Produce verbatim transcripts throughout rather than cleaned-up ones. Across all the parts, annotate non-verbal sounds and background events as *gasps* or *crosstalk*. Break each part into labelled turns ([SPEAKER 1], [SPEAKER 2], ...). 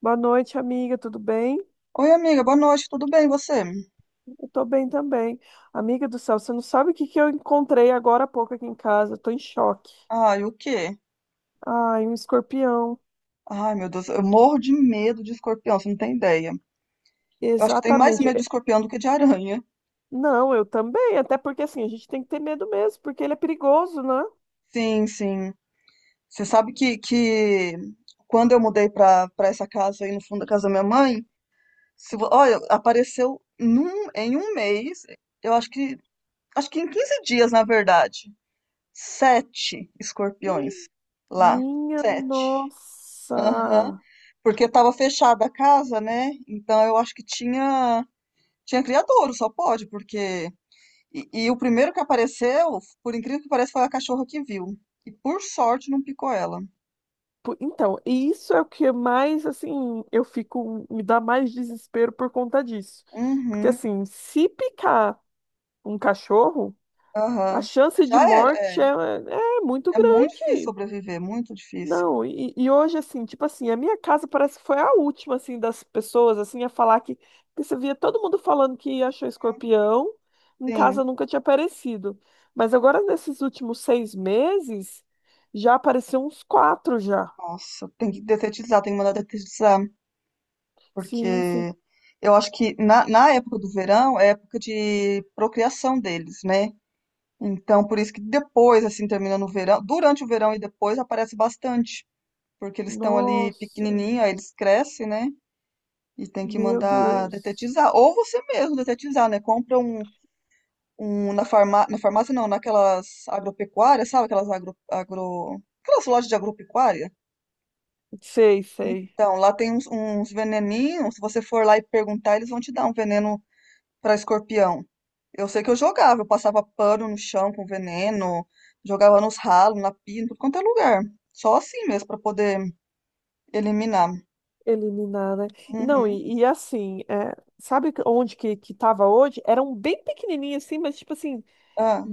[SPEAKER 1] Boa noite, amiga, tudo bem?
[SPEAKER 2] Oi, amiga, boa noite, tudo bem, e você?
[SPEAKER 1] Eu tô bem também. Amiga do céu, você não sabe o que que eu encontrei agora há pouco aqui em casa? Eu tô em choque.
[SPEAKER 2] Ai, o quê?
[SPEAKER 1] Ai, um escorpião.
[SPEAKER 2] Ai, meu Deus, eu morro de medo de escorpião, você não tem ideia. Eu acho que tem mais
[SPEAKER 1] Exatamente.
[SPEAKER 2] medo de
[SPEAKER 1] É-
[SPEAKER 2] escorpião do que de aranha.
[SPEAKER 1] Não, eu também, até porque assim, a gente tem que ter medo mesmo, porque ele é perigoso, né?
[SPEAKER 2] Sim, sim. Você sabe que, que quando eu mudei pra, pra essa casa aí no fundo da casa da minha mãe, se, vo- olha, apareceu num, em um mês, eu acho que, acho que em quinze dias, na verdade, sete escorpiões
[SPEAKER 1] *gasps*
[SPEAKER 2] lá.
[SPEAKER 1] Minha
[SPEAKER 2] Sete. Aham.
[SPEAKER 1] nossa.
[SPEAKER 2] Porque estava fechada a casa, né? Então eu acho que tinha tinha criadouro, só pode, porque e, e o primeiro que apareceu, por incrível que pareça, foi a cachorra que viu. E por sorte não picou ela.
[SPEAKER 1] Po- Então, e isso é o que mais, assim, eu fico, me dá mais desespero por conta disso. Porque
[SPEAKER 2] Uhum.
[SPEAKER 1] assim, se picar um cachorro. A
[SPEAKER 2] Aham.
[SPEAKER 1] chance de
[SPEAKER 2] Já era,
[SPEAKER 1] morte
[SPEAKER 2] é.
[SPEAKER 1] é, é muito
[SPEAKER 2] É muito difícil
[SPEAKER 1] grande.
[SPEAKER 2] sobreviver, muito difícil.
[SPEAKER 1] Não, e, e hoje, assim, tipo assim, a minha casa parece que foi a última, assim, das pessoas, assim, a falar que, que você via todo mundo falando que achou escorpião, em
[SPEAKER 2] Sim.
[SPEAKER 1] casa nunca tinha aparecido. Mas agora, nesses últimos seis meses, já apareceu uns quatro já.
[SPEAKER 2] Nossa, tem que detetizar, tem que mandar detetizar, porque
[SPEAKER 1] Sim, sim.
[SPEAKER 2] eu acho que na, na época do verão é época de procriação deles, né? Então, por isso que depois, assim, terminando o verão, durante o verão e depois aparece bastante, porque eles estão ali
[SPEAKER 1] Nossa,
[SPEAKER 2] pequenininho, aí eles crescem, né? E tem que
[SPEAKER 1] meu
[SPEAKER 2] mandar
[SPEAKER 1] Deus.
[SPEAKER 2] detetizar. Ou você mesmo detetizar, né? Compra um, um na farmá na farmácia, não, naquelas agropecuárias, sabe? Aquelas agro, agro... Aquelas lojas de agropecuária.
[SPEAKER 1] Sei, sei.
[SPEAKER 2] Então, lá tem uns, uns veneninhos. Se você for lá e perguntar, eles vão te dar um veneno pra escorpião. Eu sei que eu jogava, eu passava pano no chão com veneno, jogava nos ralos, na pia, em tudo quanto é lugar. Só assim mesmo, pra poder eliminar.
[SPEAKER 1] Eliminada. E Não,
[SPEAKER 2] Uhum.
[SPEAKER 1] e, e assim, é, sabe que- onde que, que tava hoje? Eram bem pequenininhos assim, mas tipo assim,
[SPEAKER 2] Ah,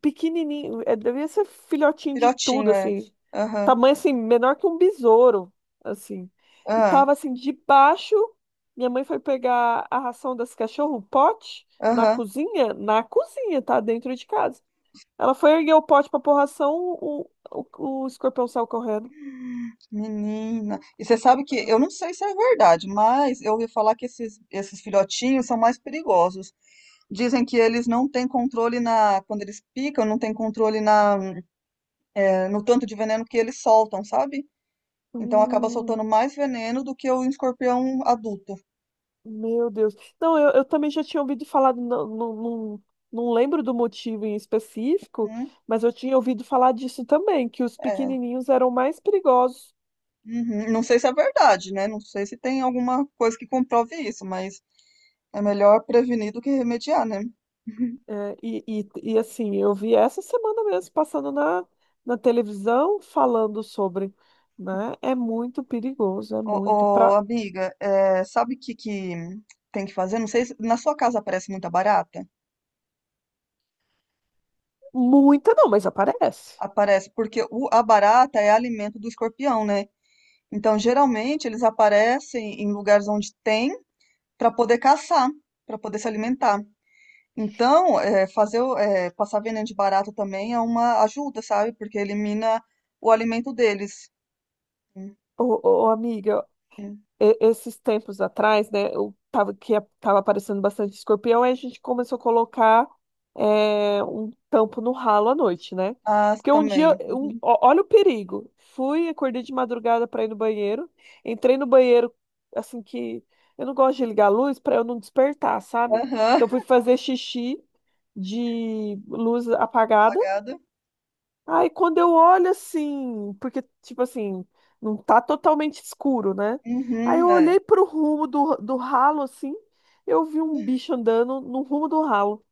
[SPEAKER 1] pequenininho, é, devia ser filhotinho de tudo,
[SPEAKER 2] filhotinho, é.
[SPEAKER 1] assim.
[SPEAKER 2] Aham,
[SPEAKER 1] Tamanho assim, menor que um besouro, assim. E
[SPEAKER 2] ah,
[SPEAKER 1] tava assim, debaixo, minha mãe foi pegar a ração das cachorras, o pote, na
[SPEAKER 2] aham.
[SPEAKER 1] cozinha, na cozinha, tá? Dentro de casa. Ela foi erguer o pote pra pôr ração, o, o, o escorpião saiu correndo.
[SPEAKER 2] Menina. E você sabe que, eu não sei se é verdade, mas eu ouvi falar que esses, esses filhotinhos são mais perigosos. Dizem que eles não têm controle na, quando eles picam, não têm controle na, eh, no tanto de veneno que eles soltam, sabe? Então acaba soltando mais veneno do que o escorpião adulto.
[SPEAKER 1] Meu Deus. Não, eu, eu também já tinha ouvido falar, não, não, não, não lembro do motivo em específico,
[SPEAKER 2] Hum,
[SPEAKER 1] mas eu tinha ouvido falar disso também, que os
[SPEAKER 2] é.
[SPEAKER 1] pequenininhos eram mais perigosos.
[SPEAKER 2] Uhum. Não sei se é verdade, né? Não sei se tem alguma coisa que comprove isso, mas é melhor prevenir do que remediar, né? *laughs*
[SPEAKER 1] É, e, e, e assim, eu vi essa semana mesmo, passando na, na televisão, falando sobre, né? É muito perigoso, é
[SPEAKER 2] Ô,
[SPEAKER 1] muito,
[SPEAKER 2] ô,
[SPEAKER 1] pra
[SPEAKER 2] amiga, é, sabe o que, que tem que fazer? Não sei se na sua casa aparece muita barata.
[SPEAKER 1] muita não, mas aparece.
[SPEAKER 2] Aparece, porque o- a barata é alimento do escorpião, né? Então, geralmente, eles aparecem em lugares onde tem para poder caçar, para poder se alimentar. Então, é, fazer, o- é, passar veneno de barata também é uma ajuda, sabe? Porque elimina o alimento deles. Hum,
[SPEAKER 1] Ô, ô, amiga,
[SPEAKER 2] hum.
[SPEAKER 1] e- esses tempos atrás, né, eu tava, que estava aparecendo bastante escorpião, aí a gente começou a colocar é, um tampo no ralo à noite, né?
[SPEAKER 2] Ah,
[SPEAKER 1] Porque um dia,
[SPEAKER 2] também.
[SPEAKER 1] um-
[SPEAKER 2] Uhum.
[SPEAKER 1] ó- olha o perigo. Fui, acordei de madrugada para ir no banheiro, entrei no banheiro, assim que eu não gosto de ligar a luz para eu não despertar, sabe?
[SPEAKER 2] Aham.
[SPEAKER 1] Então fui
[SPEAKER 2] *laughs*
[SPEAKER 1] fazer xixi de luz apagada.
[SPEAKER 2] Apagada.
[SPEAKER 1] Aí quando eu olho assim, porque, tipo assim, não tá totalmente escuro, né? Aí
[SPEAKER 2] Uhum,
[SPEAKER 1] eu
[SPEAKER 2] é.
[SPEAKER 1] olhei pro rumo do, do ralo, assim, eu vi um bicho andando no rumo do ralo.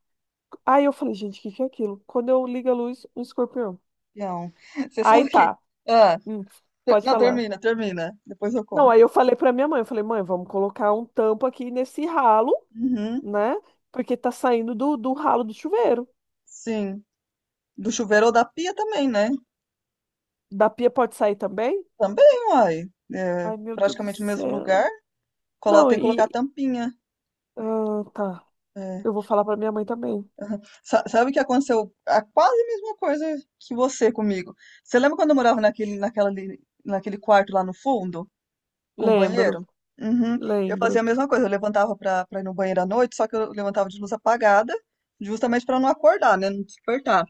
[SPEAKER 1] Aí eu falei, gente, o que que é aquilo? Quando eu ligo a luz, um escorpião.
[SPEAKER 2] Não. *laughs* Você
[SPEAKER 1] Aí
[SPEAKER 2] sabe que.
[SPEAKER 1] tá,
[SPEAKER 2] Ah,
[SPEAKER 1] hum,
[SPEAKER 2] ter-
[SPEAKER 1] pode
[SPEAKER 2] não,
[SPEAKER 1] falar.
[SPEAKER 2] termina, termina. Depois eu
[SPEAKER 1] Não,
[SPEAKER 2] conto.
[SPEAKER 1] aí eu falei pra minha mãe, eu falei, mãe, vamos colocar um tampo aqui nesse ralo,
[SPEAKER 2] Uhum,
[SPEAKER 1] né? Porque tá saindo do, do ralo do chuveiro.
[SPEAKER 2] sim. Do chuveiro ou da pia também, né?
[SPEAKER 1] Da pia pode sair também?
[SPEAKER 2] Também, uai. É,
[SPEAKER 1] Ai, meu Deus do
[SPEAKER 2] praticamente no mesmo
[SPEAKER 1] céu.
[SPEAKER 2] lugar. Colo-
[SPEAKER 1] Não,
[SPEAKER 2] Tem que colocar
[SPEAKER 1] e...
[SPEAKER 2] tampinha.
[SPEAKER 1] Ah, tá.
[SPEAKER 2] É.
[SPEAKER 1] Eu vou falar pra minha mãe também.
[SPEAKER 2] Aham. Sa- Sabe o que aconteceu? A quase mesma coisa que você comigo. Você lembra quando eu morava naquele, naquela, ali- naquele quarto lá no fundo, com o
[SPEAKER 1] Lembro,
[SPEAKER 2] banheiro? Uhum. Eu
[SPEAKER 1] lembro.
[SPEAKER 2] fazia a mesma coisa. Eu levantava pra, pra ir no banheiro à noite, só que eu levantava de luz apagada, justamente pra não acordar, né? Não despertar.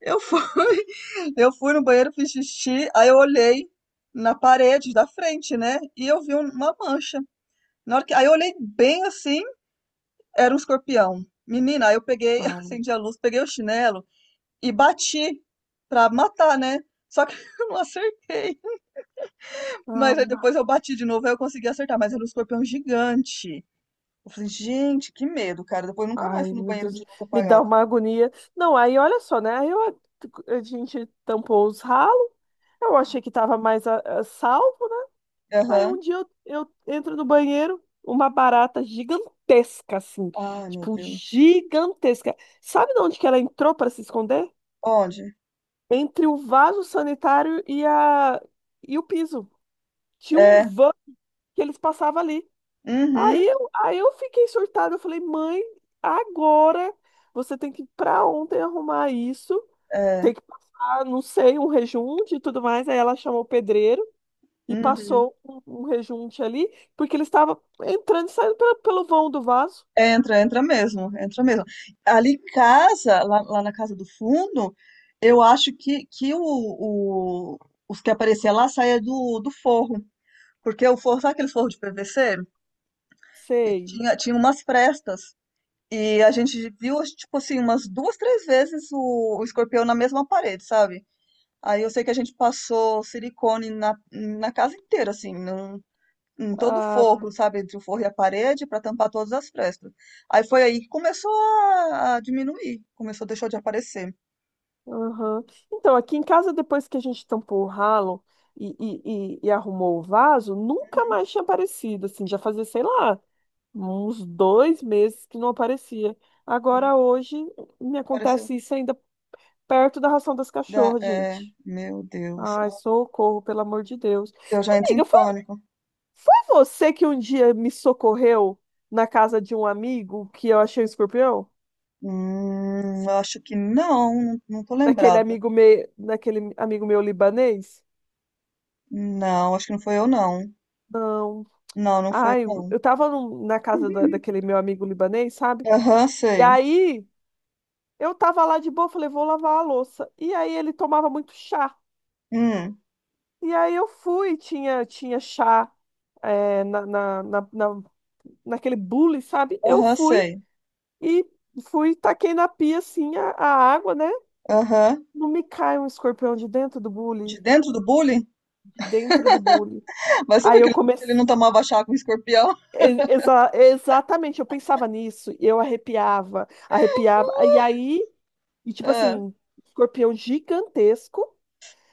[SPEAKER 2] Eu fui, *laughs* eu fui no banheiro, fiz xixi, aí eu olhei na parede da frente, né? E eu vi um- uma mancha. Na hora que, aí eu olhei bem assim, era um escorpião. Menina, aí eu peguei, *laughs*
[SPEAKER 1] Ah,
[SPEAKER 2] acendi a luz, peguei o chinelo e bati pra matar, né. Só que *laughs* eu não acertei. Mas aí
[SPEAKER 1] ah,
[SPEAKER 2] depois eu bati de novo, aí eu consegui acertar, mas era um escorpião gigante. Eu falei: "Gente, que medo, cara". Depois eu nunca
[SPEAKER 1] ai,
[SPEAKER 2] mais fui no
[SPEAKER 1] meu
[SPEAKER 2] banheiro de
[SPEAKER 1] Deus.
[SPEAKER 2] luz
[SPEAKER 1] Me dá
[SPEAKER 2] apagada.
[SPEAKER 1] uma agonia. Não, aí olha só, né? Aí eu- a gente tampou os ralos. Eu achei que tava mais a- a salvo, né? Aí um
[SPEAKER 2] Aham.
[SPEAKER 1] dia eu, eu entro no banheiro, uma barata gigantesca, assim.
[SPEAKER 2] Ai, meu
[SPEAKER 1] Tipo,
[SPEAKER 2] Deus.
[SPEAKER 1] gigantesca. Sabe de onde que ela entrou para se esconder?
[SPEAKER 2] Onde?
[SPEAKER 1] Entre o vaso sanitário e, a, e o piso. Tinha um
[SPEAKER 2] É.
[SPEAKER 1] van que eles passavam ali.
[SPEAKER 2] Uhum.
[SPEAKER 1] Aí eu, aí eu fiquei surtada, eu falei, mãe, agora você tem que ir pra ontem arrumar isso,
[SPEAKER 2] É.
[SPEAKER 1] tem que passar, não sei, um rejunte e tudo mais. Aí ela chamou o pedreiro e
[SPEAKER 2] Uhum.
[SPEAKER 1] passou um, um rejunte ali, porque ele estava entrando e saindo pelo, pelo vão do vaso.
[SPEAKER 2] Entra, entra mesmo, entra mesmo. Ali em casa, lá lá na casa do fundo, eu acho que que o o os que aparecia lá saía do do forro, porque o forro sabe aqueles forro de P V C? E
[SPEAKER 1] Sei.
[SPEAKER 2] tinha, tinha umas frestas. E a gente viu, acho, tipo assim, umas duas, três vezes o, o escorpião na mesma parede, sabe? Aí eu sei que a gente passou silicone na, na casa inteira, assim, num, em todo o
[SPEAKER 1] Ah,
[SPEAKER 2] forro, sabe? Entre o forro e a parede, para tampar todas as frestas. Aí foi aí que começou a, a diminuir, começou, deixou de aparecer.
[SPEAKER 1] aham. Então, aqui em casa, depois que a gente tampou o ralo e, e, e, e arrumou o vaso, nunca
[SPEAKER 2] Uhum,
[SPEAKER 1] mais tinha aparecido, assim, já fazia, sei lá. Uns dois meses que não aparecia.
[SPEAKER 2] uhum.
[SPEAKER 1] Agora hoje me
[SPEAKER 2] Apareceu.
[SPEAKER 1] acontece isso ainda perto da ração das
[SPEAKER 2] Da,
[SPEAKER 1] cachorras,
[SPEAKER 2] é,
[SPEAKER 1] gente.
[SPEAKER 2] meu Deus.
[SPEAKER 1] Ai, socorro, pelo amor de Deus.
[SPEAKER 2] Eu já entro em
[SPEAKER 1] Amiga, foi,
[SPEAKER 2] pânico.
[SPEAKER 1] foi você que um dia me socorreu na casa de um amigo que eu achei um escorpião?
[SPEAKER 2] Hum, eu acho que não, não não tô
[SPEAKER 1] Daquele
[SPEAKER 2] lembrada.
[SPEAKER 1] amigo meu, daquele amigo meu libanês?
[SPEAKER 2] Não, acho que não foi eu não.
[SPEAKER 1] Não.
[SPEAKER 2] Não, não foi
[SPEAKER 1] Ai,
[SPEAKER 2] eu
[SPEAKER 1] eu
[SPEAKER 2] não.
[SPEAKER 1] eu tava num- na casa da- daquele meu amigo libanês, sabe?
[SPEAKER 2] Aham,
[SPEAKER 1] E
[SPEAKER 2] sei.
[SPEAKER 1] aí eu tava lá de boa, falei, vou lavar a louça. E aí ele tomava muito chá.
[SPEAKER 2] Hum,
[SPEAKER 1] E aí eu fui, tinha, tinha chá é, na, na, na, na- naquele bule, sabe? Eu
[SPEAKER 2] aham,
[SPEAKER 1] fui
[SPEAKER 2] sei.
[SPEAKER 1] e fui, taquei na pia assim a, a água, né?
[SPEAKER 2] Aham.
[SPEAKER 1] Não me cai um escorpião de dentro do
[SPEAKER 2] De
[SPEAKER 1] bule,
[SPEAKER 2] dentro do bullying?
[SPEAKER 1] de dentro do bule.
[SPEAKER 2] *laughs* Mas
[SPEAKER 1] Aí
[SPEAKER 2] sabe que
[SPEAKER 1] eu
[SPEAKER 2] ele ele
[SPEAKER 1] comecei.
[SPEAKER 2] não tomava chá com escorpião?
[SPEAKER 1] e- exa- exatamente, eu pensava nisso, e eu arrepiava, arrepiava,
[SPEAKER 2] *laughs*
[SPEAKER 1] e aí, e tipo
[SPEAKER 2] Ah,
[SPEAKER 1] assim, escorpião gigantesco,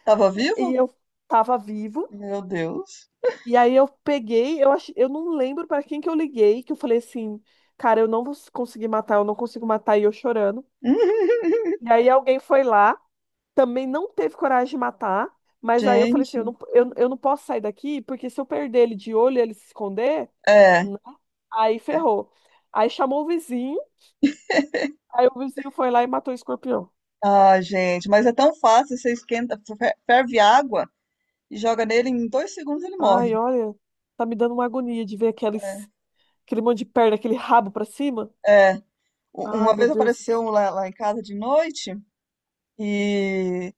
[SPEAKER 2] tava
[SPEAKER 1] e
[SPEAKER 2] vivo?
[SPEAKER 1] eu tava vivo.
[SPEAKER 2] Meu Deus.
[SPEAKER 1] E aí eu peguei, eu acho, eu não lembro pra quem que eu liguei, que eu falei assim, cara, eu não vou conseguir matar, eu não consigo matar, e eu chorando.
[SPEAKER 2] *laughs*
[SPEAKER 1] E aí alguém foi lá, também não teve coragem de matar, mas aí eu falei assim, eu
[SPEAKER 2] Gente,
[SPEAKER 1] não, eu, eu não posso sair daqui, porque se eu perder ele de olho e ele se esconder,
[SPEAKER 2] é.
[SPEAKER 1] né? Aí ferrou. Aí chamou o vizinho, aí o vizinho foi lá e matou o escorpião.
[SPEAKER 2] Ah, gente, mas é tão fácil, você esquenta, fer- ferve água e joga nele, em dois segundos ele
[SPEAKER 1] Ai,
[SPEAKER 2] morre.
[SPEAKER 1] olha, tá me dando uma agonia de ver
[SPEAKER 2] É,
[SPEAKER 1] aqueles, aquele monte de perna, aquele rabo pra cima.
[SPEAKER 2] é. u-
[SPEAKER 1] Ai,
[SPEAKER 2] uma
[SPEAKER 1] meu
[SPEAKER 2] vez apareceu
[SPEAKER 1] Deus.
[SPEAKER 2] um lá, lá em casa de noite e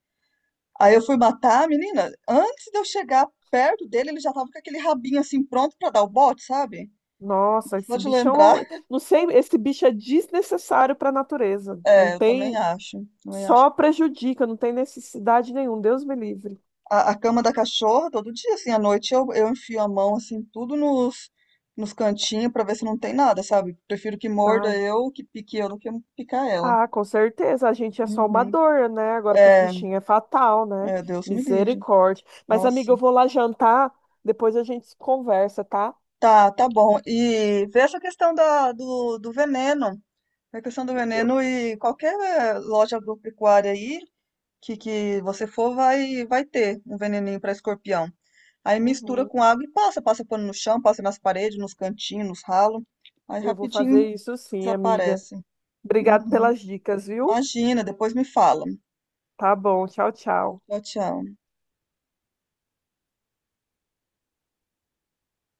[SPEAKER 2] aí eu fui matar a menina. Antes de eu chegar perto dele, ele já tava com aquele rabinho assim pronto pra dar o bote, sabe?
[SPEAKER 1] Nossa,
[SPEAKER 2] Só
[SPEAKER 1] esse
[SPEAKER 2] de
[SPEAKER 1] bicho é
[SPEAKER 2] lembrar,
[SPEAKER 1] um...
[SPEAKER 2] *laughs*
[SPEAKER 1] Não sei, esse bicho é desnecessário para a natureza. Não
[SPEAKER 2] é, eu também
[SPEAKER 1] tem...
[SPEAKER 2] acho, também acho.
[SPEAKER 1] Só prejudica, não tem necessidade nenhuma. Deus me livre.
[SPEAKER 2] A, a cama da cachorra, todo dia, assim, à noite eu, eu enfio a mão, assim, tudo nos, nos cantinhos pra ver se não tem nada, sabe? Prefiro que
[SPEAKER 1] Ah,
[SPEAKER 2] morda eu, que pique eu, do que picar ela.
[SPEAKER 1] ah, com certeza. A gente é só uma
[SPEAKER 2] Uhum.
[SPEAKER 1] dor, né? Agora para os
[SPEAKER 2] É,
[SPEAKER 1] bichinhos é fatal, né?
[SPEAKER 2] é, Deus me livre.
[SPEAKER 1] Misericórdia. Mas, amiga,
[SPEAKER 2] Nossa.
[SPEAKER 1] eu vou lá jantar. Depois a gente conversa, tá?
[SPEAKER 2] Tá, tá bom. E veja a questão da, do, do veneno. A questão do
[SPEAKER 1] Eu,
[SPEAKER 2] veneno e qualquer eh, loja agropecuária aí que, que você for vai, vai ter um veneninho para escorpião. Aí mistura com
[SPEAKER 1] uhum.
[SPEAKER 2] água e passa, passa pano no chão, passa nas paredes, nos cantinhos, nos ralos. Aí
[SPEAKER 1] Eu vou
[SPEAKER 2] rapidinho
[SPEAKER 1] fazer isso sim, amiga.
[SPEAKER 2] desaparece.
[SPEAKER 1] Obrigado
[SPEAKER 2] Uhum.
[SPEAKER 1] pelas dicas, viu?
[SPEAKER 2] Imagina, depois me fala.
[SPEAKER 1] Tá bom. Tchau, tchau.
[SPEAKER 2] Tchau, tchau.